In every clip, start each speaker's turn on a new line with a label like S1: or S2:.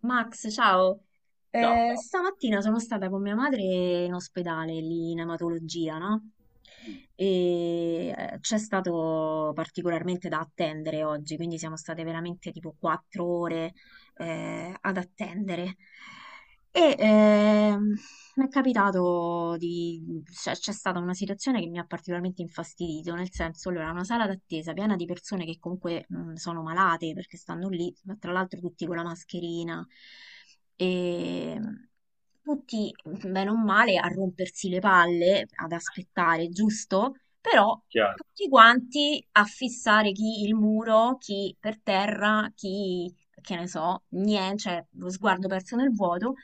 S1: Max, ciao.
S2: Ciao.
S1: Stamattina sono stata con mia madre in ospedale lì in ematologia, no? E c'è stato particolarmente da attendere oggi, quindi siamo state veramente tipo 4 ore ad attendere. E mi è capitato di... c'è stata una situazione che mi ha particolarmente infastidito, nel senso, allora, una sala d'attesa piena di persone che comunque sono malate perché stanno lì, ma tra l'altro tutti con la mascherina, e tutti, bene o male, a rompersi le palle, ad aspettare, giusto? Però
S2: Chiaro.
S1: tutti quanti a fissare chi il muro, chi per terra, chi, che ne so, niente, cioè lo sguardo perso nel vuoto.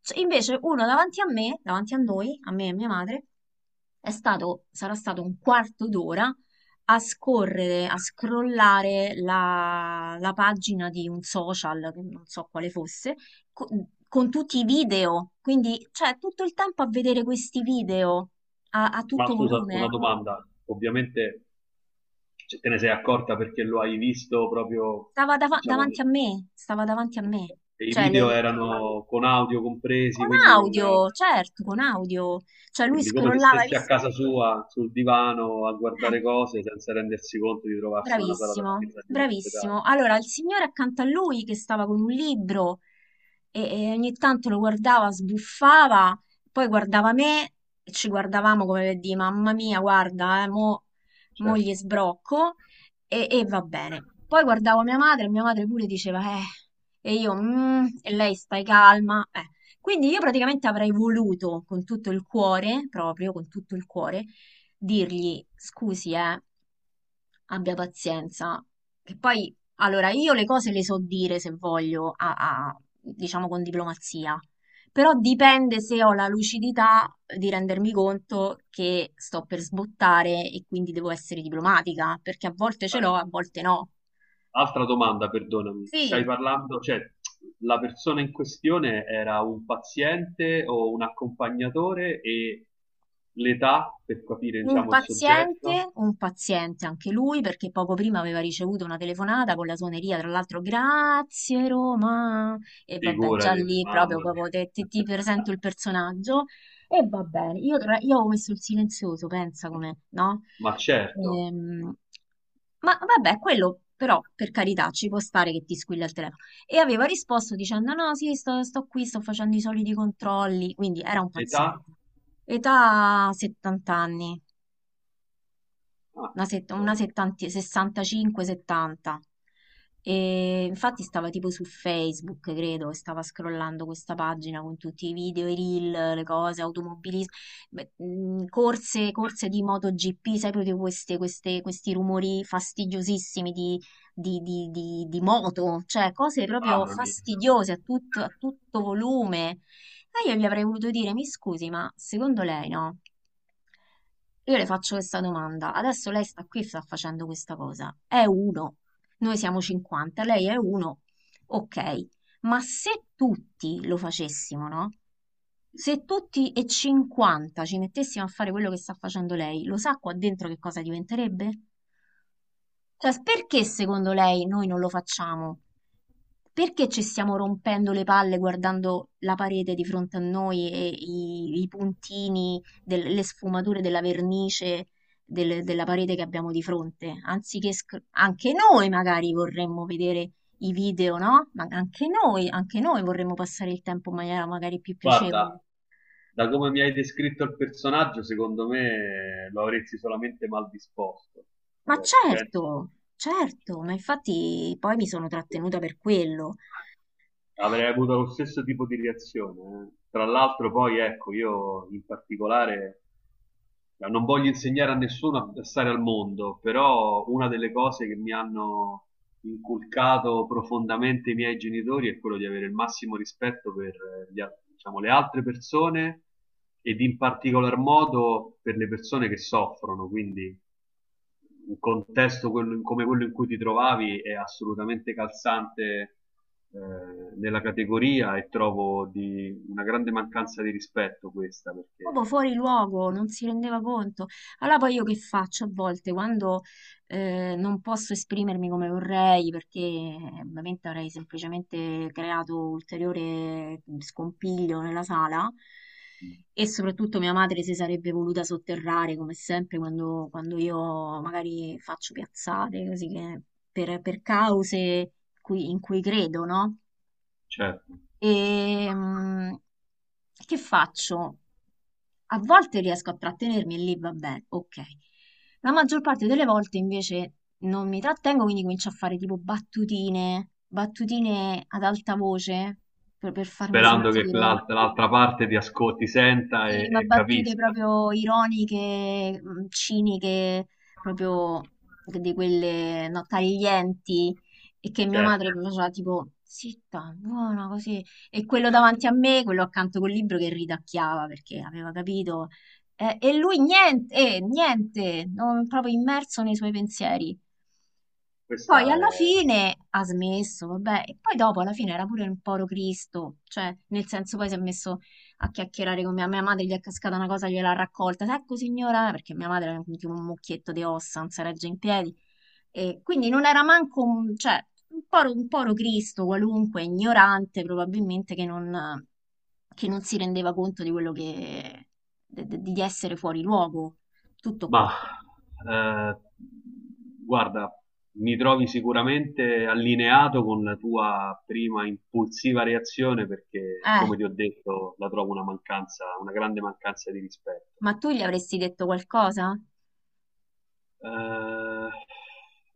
S1: Cioè, invece uno davanti a me, davanti a noi, a me e mia madre, è stato, sarà stato un quarto d'ora a scorrere, a scrollare la pagina di un social, che non so quale fosse, co- con, tutti i video. Quindi, cioè, tutto il tempo a vedere questi video a
S2: Ma
S1: tutto
S2: scusa, una
S1: volume.
S2: domanda. Ovviamente, cioè, te ne sei accorta perché lo hai visto proprio,
S1: Stava
S2: diciamo,
S1: davanti a me, stava davanti a me.
S2: e i
S1: Cioè,
S2: video erano con audio compresi,
S1: con
S2: quindi,
S1: audio, certo, con audio. Cioè, lui
S2: quindi come se
S1: scrollava, hai
S2: stessi a
S1: visto?
S2: casa sua, sul divano, a
S1: Eh,
S2: guardare cose senza rendersi conto di trovarsi in una sala
S1: Bravissimo,
S2: d'attesa di un ospedale.
S1: bravissimo. Allora, il signore accanto a lui che stava con un libro e ogni tanto lo guardava, sbuffava, poi guardava me e ci guardavamo come per dire, mamma mia, guarda, mo
S2: Certo.
S1: gli sbrocco e va bene. Poi guardavo mia madre e mia madre pure diceva, e io, "Mm", e lei stai calma. Eh. Quindi io praticamente avrei voluto con tutto il cuore, proprio con tutto il cuore, dirgli, scusi, abbia pazienza. Che poi, allora, io le cose le so dire se voglio, diciamo con diplomazia, però dipende se ho la lucidità di rendermi conto che sto per sbottare e quindi devo essere diplomatica, perché a volte ce
S2: Ah,
S1: l'ho, a volte no.
S2: altra domanda, perdonami,
S1: Sì.
S2: stai parlando, cioè la persona in questione era un paziente o un accompagnatore e l'età per capire, diciamo, il soggetto?
S1: Un paziente anche lui, perché poco prima aveva ricevuto una telefonata con la suoneria, tra l'altro, grazie Roma, e vabbè, già
S2: Figurati,
S1: lì proprio,
S2: mamma
S1: proprio
S2: mia.
S1: ti presento il personaggio, e va bene, io ho messo il silenzioso, pensa come, no?
S2: Ma certo,
S1: Ehm, ma vabbè, quello però, per carità, ci può stare che ti squilla il telefono. E aveva risposto dicendo, no, sì, sto qui, sto facendo i soliti controlli, quindi era un
S2: età?
S1: paziente. Età 70 anni
S2: Ah,
S1: una
S2: ok.
S1: 70 65-70. E infatti stava tipo su Facebook, credo, e stava scrollando questa pagina con tutti i video, i reel, le cose, automobilismo, beh, corse, corse di MotoGP, sai proprio questi rumori fastidiosissimi di moto, cioè cose proprio
S2: Mamma mia.
S1: fastidiose a tutto volume. E io gli avrei voluto dire, mi scusi, ma secondo lei no? Io le faccio questa domanda. Adesso lei sta qui e sta facendo questa cosa. È uno. Noi siamo 50, lei è uno. Ok. Ma se tutti lo facessimo, no? Se tutti e 50 ci mettessimo a fare quello che sta facendo lei, lo sa qua dentro che cosa diventerebbe? Cioè, perché secondo lei noi non lo facciamo? Perché ci stiamo rompendo le palle guardando la parete di fronte a noi e i puntini, le sfumature della vernice della parete che abbiamo di fronte? Anziché anche noi magari vorremmo vedere i video, no? Ma anche noi vorremmo passare il tempo in maniera magari più piacevole.
S2: Guarda, da come mi hai descritto il personaggio, secondo me lo avresti solamente mal disposto.
S1: Ma
S2: Cioè, penso...
S1: certo, certo, ma infatti poi mi sono trattenuta per quello.
S2: Avrei avuto lo stesso tipo di reazione, eh. Tra l'altro, poi ecco, io in particolare non voglio insegnare a nessuno a stare al mondo, però una delle cose che mi hanno inculcato profondamente i miei genitori è quello di avere il massimo rispetto per diciamo, le altre persone ed in particolar modo per le persone che soffrono. Quindi come quello in cui ti trovavi è assolutamente calzante, eh, nella categoria, e trovo di una grande mancanza di rispetto questa, perché
S1: Proprio fuori luogo, non si rendeva conto. Allora poi io che faccio a volte quando non posso esprimermi come vorrei perché ovviamente avrei semplicemente creato ulteriore scompiglio nella sala e soprattutto mia madre si sarebbe voluta sotterrare come sempre quando, quando io magari faccio piazzate così che per cause in cui credo, no?
S2: certo,
S1: E che faccio? A volte riesco a trattenermi e lì va bene, ok. La maggior parte delle volte invece non mi trattengo, quindi comincio a fare tipo battutine, battutine ad alta voce per farmi
S2: sperando che
S1: sentire.
S2: l'altra parte ti ascolti, senta
S1: Sì, ma
S2: e
S1: battute
S2: capisca.
S1: proprio ironiche, ciniche, proprio di quelle no, taglienti e che mia madre
S2: Certo.
S1: faceva tipo zitta, buona così. E quello davanti a me, quello accanto col libro che ridacchiava perché aveva capito. E lui niente, niente, proprio immerso nei suoi pensieri. Poi
S2: Questa
S1: alla
S2: è...
S1: fine ha smesso, vabbè, e poi dopo alla fine era pure un povero Cristo, cioè nel senso poi si è messo a chiacchierare con mia madre, gli è cascata una cosa, gliel'ha raccolta, ecco signora, perché mia madre era tipo un mucchietto di ossa, non si regge in piedi, e quindi non era manco cioè, un povero Cristo qualunque, ignorante probabilmente, che non, si rendeva conto di quello che, di essere fuori luogo, tutto
S2: Ma
S1: qua.
S2: eh, guarda, mi trovi sicuramente allineato con la tua prima impulsiva reazione perché,
S1: Eh,
S2: come ti ho detto, la trovo una mancanza, una grande mancanza di rispetto.
S1: ma tu gli avresti detto qualcosa?
S2: Eh,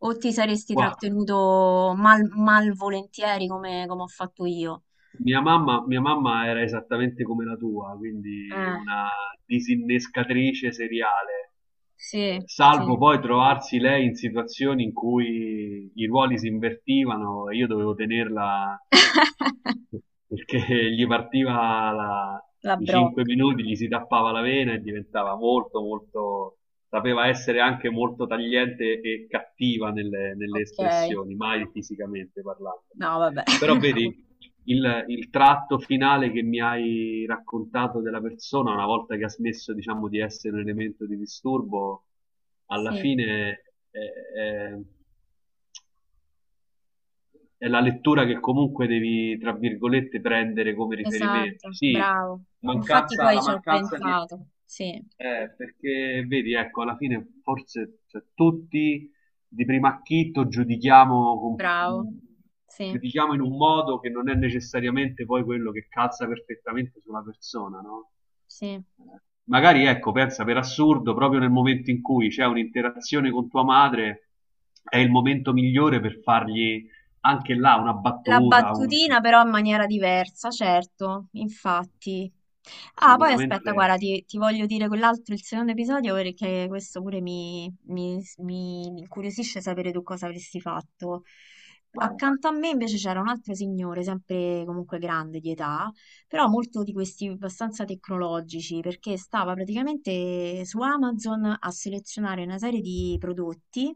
S1: O ti saresti
S2: guarda,
S1: trattenuto malvolentieri come ho fatto io?
S2: mia mamma era esattamente come la tua, quindi
S1: Ah,
S2: una disinnescatrice seriale,
S1: sì,
S2: salvo
S1: sì.
S2: poi trovarsi lei in situazioni in cui i ruoli si invertivano e io dovevo tenerla perché gli partiva la-
S1: La
S2: i 5
S1: brocca.
S2: minuti, gli si tappava la vena e diventava molto, molto, sapeva essere anche molto tagliente e cattiva nelle
S1: Ok.
S2: espressioni, mai fisicamente parlando.
S1: No, vabbè.
S2: Però vedi, il tratto finale che mi hai raccontato della persona, una volta che ha smesso, diciamo, di essere un elemento di disturbo, alla
S1: Sì,
S2: fine è, è- è la lettura che comunque devi, tra virgolette, prendere come riferimento.
S1: esatto,
S2: Sì,
S1: bravo. Infatti
S2: mancanza,
S1: poi
S2: la
S1: ci ho
S2: mancanza di...
S1: pensato. Sì,
S2: perché vedi, ecco, alla fine forse, cioè, tutti di primo acchito
S1: bravo. Sì,
S2: giudichiamo in un modo che non è necessariamente poi quello che calza perfettamente sulla persona, no?
S1: sì.
S2: Magari ecco, pensa per assurdo, proprio nel momento in cui c'è un'interazione con tua madre, è il momento migliore per fargli anche là una
S1: La
S2: battuta,
S1: battutina però in maniera diversa, certo, infatti. Ah, poi aspetta,
S2: sicuramente.
S1: guarda, ti voglio dire quell'altro, il secondo episodio, perché questo pure mi incuriosisce sapere tu cosa avresti fatto.
S2: Vai.
S1: Accanto a me invece c'era un altro signore, sempre comunque grande di età, però molto di questi abbastanza tecnologici, perché stava praticamente su Amazon a selezionare una serie di prodotti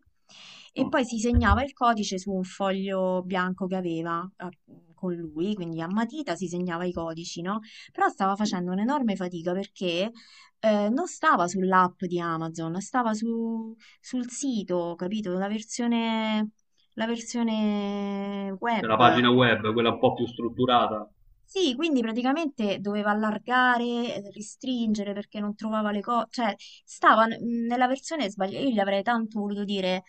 S1: e
S2: Mm.
S1: poi si segnava il codice su un foglio bianco che aveva con lui, quindi a matita si segnava i codici, no? Però stava facendo un'enorme fatica perché non stava sull'app di Amazon, stava sul sito, capito? La versione
S2: Per la
S1: web.
S2: pagina web, quella un po' più strutturata,
S1: Sì, quindi praticamente doveva allargare, restringere perché non trovava le cose, cioè stava nella versione sbagliata, io gli avrei tanto voluto dire,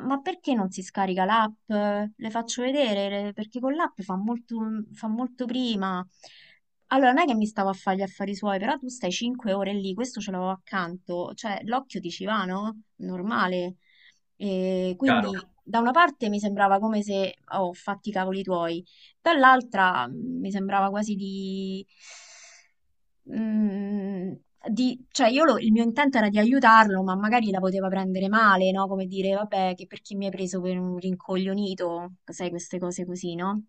S1: ma perché non si scarica l'app? Le faccio vedere, perché con l'app fa molto prima. Allora, non è che mi stavo a fare gli affari suoi, però tu stai 5 ore lì, questo ce l'avevo accanto, cioè l'occhio ti ci va, no? Normale. E quindi
S2: chiaro.
S1: da una parte mi sembrava come se, oh, fatti i cavoli tuoi dall'altra mi sembrava quasi mh, cioè il mio intento era di aiutarlo, ma magari la poteva prendere male, no? Come dire, vabbè, che perché mi hai preso per un rincoglionito, sai, queste cose così, no?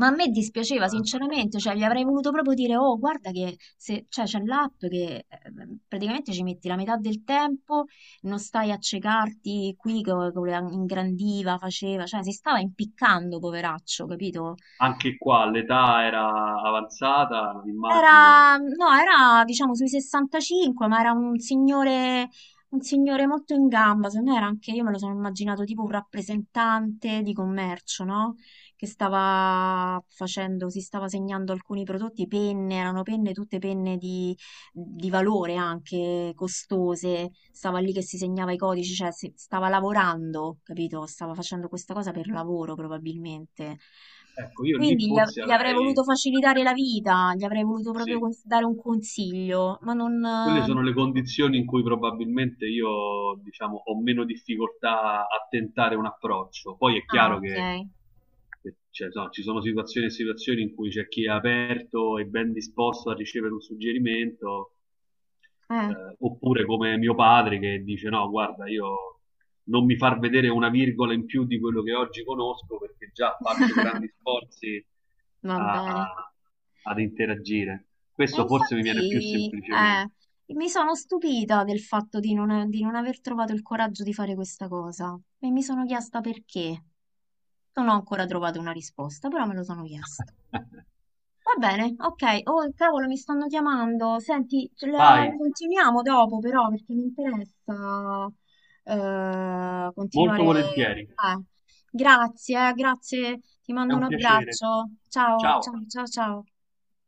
S1: Ma a me dispiaceva
S2: Eh,
S1: sinceramente, cioè gli avrei voluto proprio dire, oh, guarda che se, cioè, c'è l'app che praticamente ci metti la metà del tempo, non stai a ciecarti qui che ingrandiva, faceva, cioè si stava impiccando, poveraccio, capito?
S2: Anche qua l'età era avanzata, immagino.
S1: Era, no, era diciamo sui 65, ma era un signore molto in gamba. Secondo me era anche, io me lo sono immaginato tipo un rappresentante di commercio, no? Che stava facendo, si stava segnando alcuni prodotti, penne, erano penne, tutte penne di valore anche costose, stava lì che si segnava i codici, cioè stava lavorando, capito? Stava facendo questa cosa per lavoro probabilmente.
S2: Ecco, io lì
S1: Quindi gli, av-
S2: forse
S1: gli avrei
S2: avrei,
S1: voluto facilitare la vita, gli avrei voluto proprio
S2: sì,
S1: dare un consiglio, ma non...
S2: quelle sono le condizioni in cui probabilmente io, diciamo, ho meno difficoltà a tentare un approccio. Poi è
S1: Ah,
S2: chiaro che
S1: ok.
S2: che- cioè, no, ci sono situazioni e situazioni in cui c'è chi è aperto e ben disposto a ricevere un suggerimento,
S1: Eh.
S2: oppure come mio padre che dice: no, guarda, io non mi far vedere una virgola in più di quello che oggi conosco perché già faccio grandi sforzi
S1: Va
S2: a-
S1: bene.
S2: a- ad interagire.
S1: E
S2: Questo forse mi viene più
S1: infatti,
S2: semplicemente.
S1: mi sono stupita del fatto di non, aver trovato il coraggio di fare questa cosa e mi sono chiesta perché. Non ho ancora trovato una risposta, però me lo sono chiesto. Va bene, ok. Oh, cavolo, mi stanno chiamando. Senti, ce la,
S2: Vai,
S1: la continuiamo dopo, però, perché mi interessa
S2: molto
S1: continuare.
S2: volentieri,
S1: Grazie, grazie. Ti
S2: è
S1: mando un
S2: un piacere.
S1: abbraccio. Ciao,
S2: Ciao.
S1: ciao, ciao, ciao.